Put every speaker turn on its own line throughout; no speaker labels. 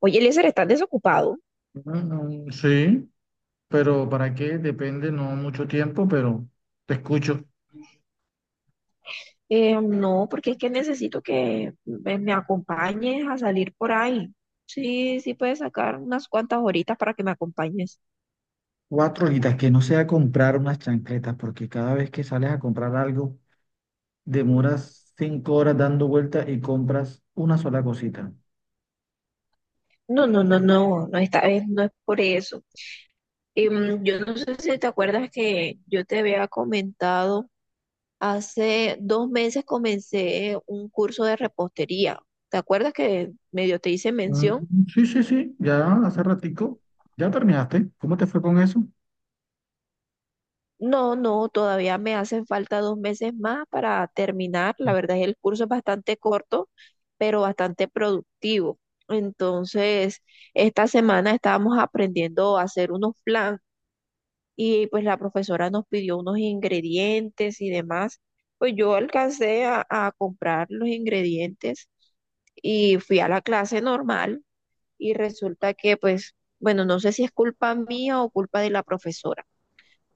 Oye, Eliezer, ¿estás desocupado?
Mm, sí, pero ¿para qué? Depende, no mucho tiempo, pero te escucho.
No, porque es que necesito que me acompañes a salir por ahí. Sí, sí puedes sacar unas cuantas horitas para que me acompañes.
Cuatro horitas, que no sea comprar unas chancletas, porque cada vez que sales a comprar algo, demoras cinco horas dando vueltas y compras una sola cosita.
No, no, no, no, no, esta vez no es por eso. Yo no sé si te acuerdas que yo te había comentado, hace 2 meses comencé un curso de repostería. ¿Te acuerdas que medio te hice
Mm,
mención?
Sí, sí, sí, ya hace ratico, ya terminaste. ¿Cómo te fue con eso?
No, no, todavía me hacen falta 2 meses más para terminar. La verdad es que el curso es bastante corto, pero bastante productivo. Entonces, esta semana estábamos aprendiendo a hacer unos flan y pues la profesora nos pidió unos ingredientes y demás. Pues yo alcancé a comprar los ingredientes y fui a la clase normal y resulta que pues, bueno, no sé si es culpa mía o culpa de la profesora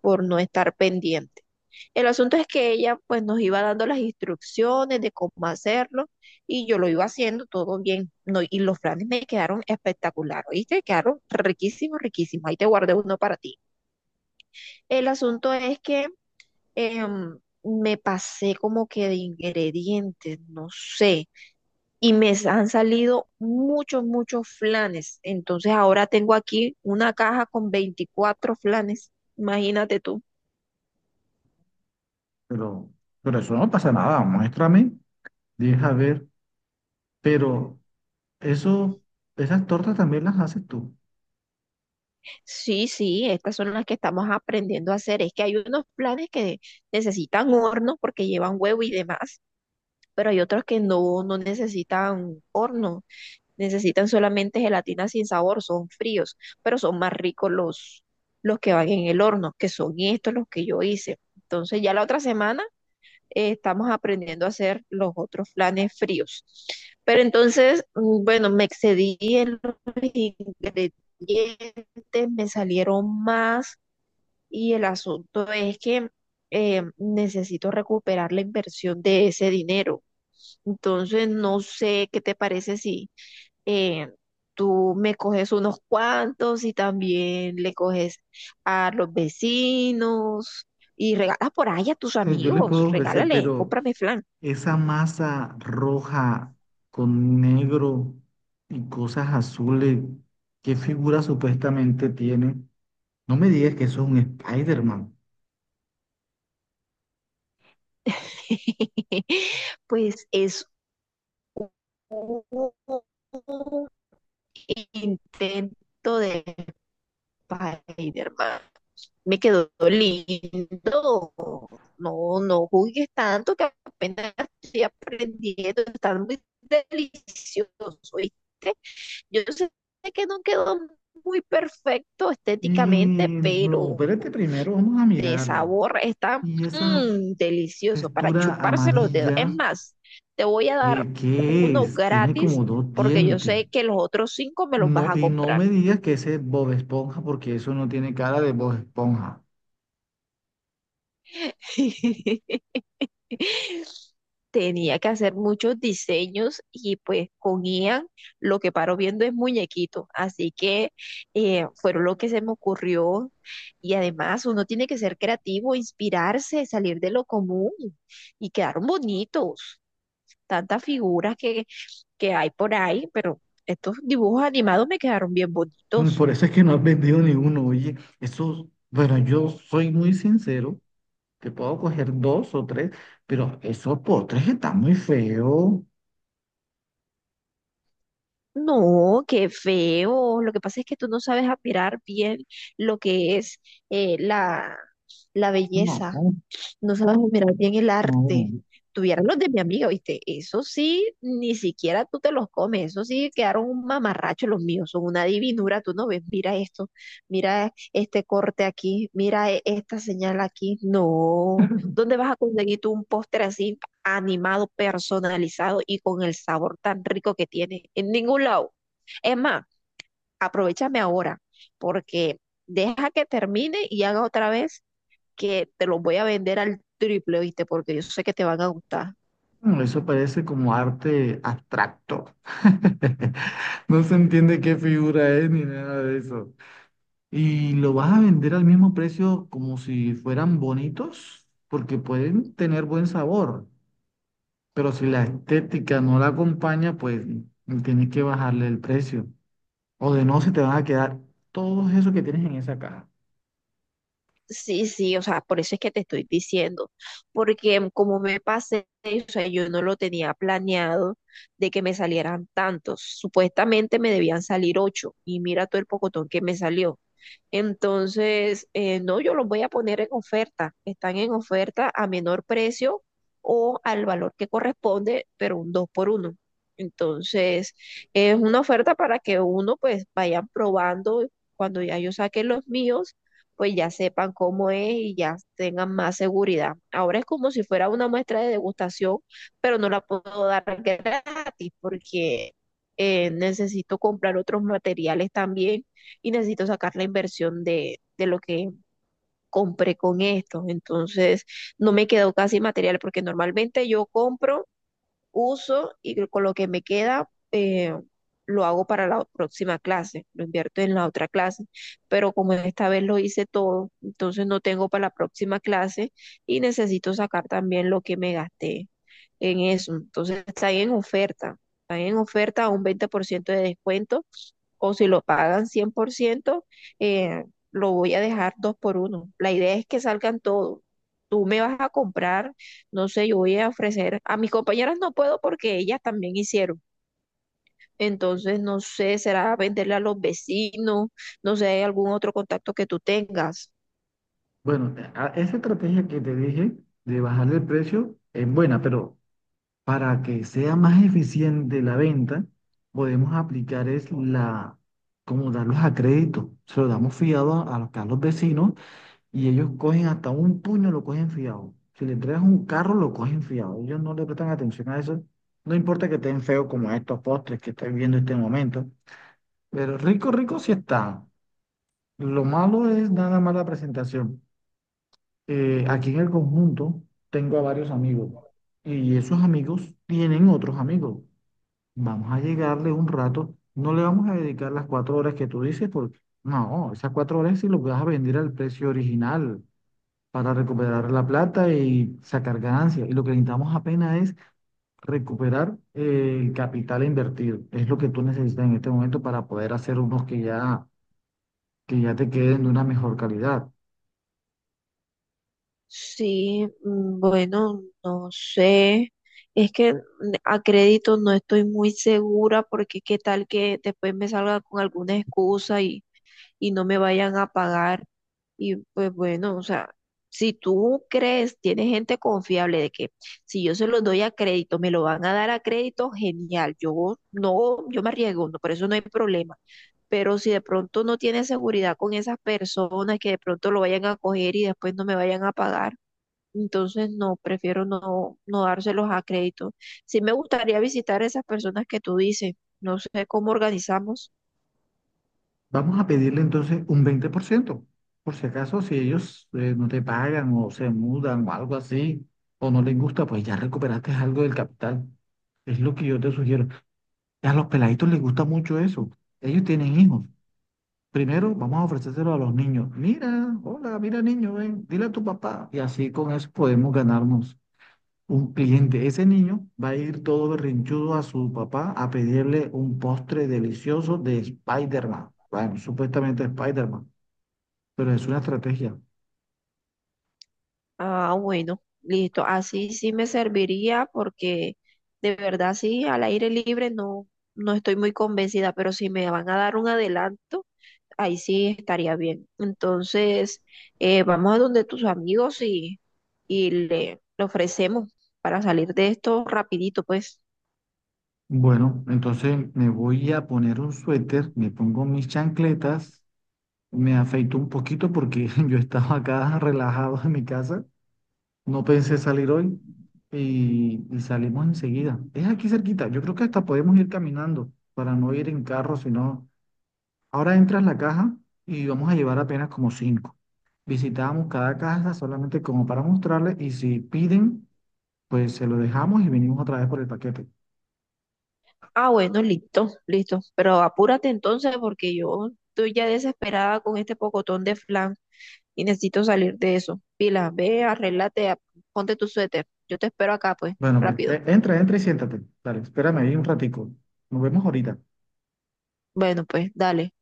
por no estar pendiente. El asunto es que ella pues nos iba dando las instrucciones de cómo hacerlo y yo lo iba haciendo todo bien. No, y los flanes me quedaron espectacular, ¿oíste? Quedaron riquísimos, riquísimos. Ahí te guardé uno para ti. El asunto es que me pasé como que de ingredientes, no sé, y me han salido muchos, muchos flanes. Entonces ahora tengo aquí una caja con 24 flanes, imagínate tú.
Pero, pero eso no pasa nada, muéstrame, deja ver. Pero eso, esas tortas también las haces tú.
Sí, sí, estas son las que estamos aprendiendo a hacer. Es que hay unos planes que necesitan horno porque llevan huevo y demás, pero hay otros que no, no necesitan horno, necesitan solamente gelatina sin sabor, son fríos, pero son más ricos los que van en el horno, que son estos los que yo hice. Entonces ya la otra semana estamos aprendiendo a hacer los otros flanes fríos. Pero entonces, bueno, me excedí en los ingredientes, me salieron más y el asunto es que necesito recuperar la inversión de ese dinero. Entonces, no sé qué te parece si eh, tú me coges unos cuantos y también le coges a los vecinos y regalas por ahí a tus
Yo les
amigos,
puedo ofrecer,
regálale,
pero
cómprame flan.
esa masa roja con negro y cosas azules, ¿qué figura supuestamente tiene? No me digas que eso es un Spider-Man.
Pues es un intento de Spider-Man. Me quedó lindo. No, no juzgues tanto que apenas estoy aprendiendo. Está muy delicioso, ¿viste? Yo sé que no quedó muy perfecto estéticamente,
Y no,
pero
espérate primero, vamos a
de
mirarlo.
sabor está
Y esa
delicioso para
textura
chuparse los dedos. Es
amarilla,
más, te voy a dar
¿qué, qué
uno
es? Tiene
gratis
como dos
porque yo
dientes.
sé que los otros cinco me los vas
No,
a
y no
comprar.
me digas que ese es Bob Esponja, porque eso no tiene cara de Bob Esponja.
Tenía que hacer muchos diseños y pues con Ian lo que paro viendo es muñequito. Así que fueron lo que se me ocurrió. Y además uno tiene que ser creativo, inspirarse, salir de lo común y quedaron bonitos. Tantas figuras que hay por ahí, pero estos dibujos animados me quedaron bien bonitos.
Por eso es que no has vendido ni uno. Oye, esos, bueno, yo soy muy sincero, que puedo coger dos o tres, pero esos postres están muy feos.
No, qué feo. Lo que pasa es que tú no sabes admirar bien lo que es eh, la, la
No,
belleza.
no.
No sabes mirar bien el arte.
Mm,
Tuvieron los de mi amiga, ¿viste? Eso sí, ni siquiera tú te los comes, eso sí quedaron un mamarracho los míos, son una divinura, tú no ves, mira esto, mira este corte aquí, mira esta señal aquí, no, ¿dónde vas a conseguir tú un póster así animado, personalizado y con el sabor tan rico que tiene? En ningún lado. Es más, aprovechame ahora, porque deja que termine y haga otra vez que te los voy a vender al triple, ¿viste? Porque yo sé que te van a gustar.
Eso parece como arte abstracto. No se entiende qué figura es ni nada de eso. ¿Y lo vas a vender al mismo precio como si fueran bonitos? Porque pueden tener buen sabor. Pero si la estética no la acompaña, pues tienes que bajarle el precio. O de no, se te van a quedar todo eso que tienes en esa caja.
Sí, sí, o sea, por eso es que te estoy diciendo, porque como me pasé, o sea, yo no lo tenía planeado de que me salieran tantos. Supuestamente me debían salir ocho y mira todo el pocotón que me salió. Entonces, no, yo los voy a poner en oferta. Están en oferta a menor precio o al valor que corresponde, pero un dos por uno. Entonces, es una oferta para que uno pues vaya probando cuando ya yo saque los míos pues ya sepan cómo es y ya tengan más seguridad. Ahora es como si fuera una muestra de degustación, pero no la puedo dar gratis porque necesito comprar otros materiales también y necesito sacar la inversión de lo que compré con esto. Entonces, no me quedó casi material porque normalmente yo compro uso y con lo que me queda lo hago para la próxima clase, lo invierto en la otra clase, pero como esta vez lo hice todo, entonces no tengo para la próxima clase y necesito sacar también lo que me gasté en eso. Entonces está ahí en oferta, está ahí en oferta a un 20% de descuento o si lo pagan 100%, eh, lo voy a dejar dos por uno. La idea es que salgan todos. Tú me vas a comprar no sé, yo voy a ofrecer, a mis compañeras no puedo porque ellas también hicieron. Entonces, no sé, será venderle a los vecinos, no sé, ¿hay algún otro contacto que tú tengas?
Bueno, esa estrategia que te dije de bajarle el precio es buena, pero para que sea más eficiente la venta, podemos aplicar es la, como darlos a crédito. Se lo damos fiado a los a los vecinos. Y ellos cogen hasta un puño, lo cogen fiado. Si le entregas un carro, lo cogen fiado. Ellos no le prestan atención a eso. No importa que estén feos como estos postres que estoy viendo en este momento, pero rico, rico sí están. Lo malo es nada más la presentación. Aquí en el conjunto tengo a varios amigos y esos amigos tienen otros amigos. Vamos a llegarle un rato. No le vamos a dedicar las cuatro horas que tú dices, porque no, esas cuatro horas sí lo vas a vender al precio original para recuperar la plata y sacar ganancias. Y lo que necesitamos apenas es recuperar el capital invertido. Es lo que tú necesitas en este momento para poder hacer unos que ya te queden de una mejor calidad.
Sí, bueno, no sé. Es que a crédito no estoy muy segura porque qué tal que después me salga con alguna excusa y no me vayan a pagar. Y pues bueno, o sea, si tú crees, tienes gente confiable de que si yo se los doy a crédito, me lo van a dar a crédito, genial. Yo no, yo me arriesgo, no, por eso no hay problema. Pero si de pronto no tienes seguridad con esas personas que de pronto lo vayan a coger y después no me vayan a pagar, entonces no, prefiero no, no dárselos a crédito. Sí me gustaría visitar a esas personas que tú dices, no sé cómo organizamos.
Vamos a pedirle entonces un 20%, por ciento, por si acaso si ellos no te pagan o se mudan o algo así, o no les gusta, pues ya recuperaste algo del capital. Es lo que yo te sugiero. A los peladitos les gusta mucho eso. Ellos tienen hijos. Primero vamos a ofrecérselo a los niños. Mira, hola, mira niño, ven, dile a tu papá. Y así con eso podemos ganarnos un cliente. Ese niño va a ir todo berrinchudo a su papá a pedirle un postre delicioso de Spider-Man. Bueno, supuestamente Spider-Man, pero es una estrategia.
Ah, bueno, listo. Así sí me serviría porque de verdad sí, al aire libre no, no estoy muy convencida, pero si me van a dar un adelanto, ahí sí estaría bien. Entonces, vamos a donde tus amigos y le ofrecemos para salir de esto rapidito, pues.
Bueno, entonces me voy a poner un suéter, me pongo mis chancletas, me afeito un poquito porque yo estaba acá relajado en mi casa. No pensé salir hoy y salimos enseguida. Es aquí cerquita. Yo creo que hasta podemos ir caminando para no ir en carro, sino ahora entras la caja y vamos a llevar apenas como cinco. Visitamos cada casa solamente como para mostrarles y si piden, pues se lo dejamos y venimos otra vez por el paquete.
Ah, bueno, listo, listo. Pero apúrate entonces porque yo estoy ya desesperada con este pocotón de flan. Y necesito salir de eso. Pila, ve, arréglate, ponte tu suéter. Yo te espero acá, pues,
Bueno,
rápido.
pues entra, entra y siéntate. Dale, espérame ahí un ratico. Nos vemos ahorita.
Bueno, pues, dale.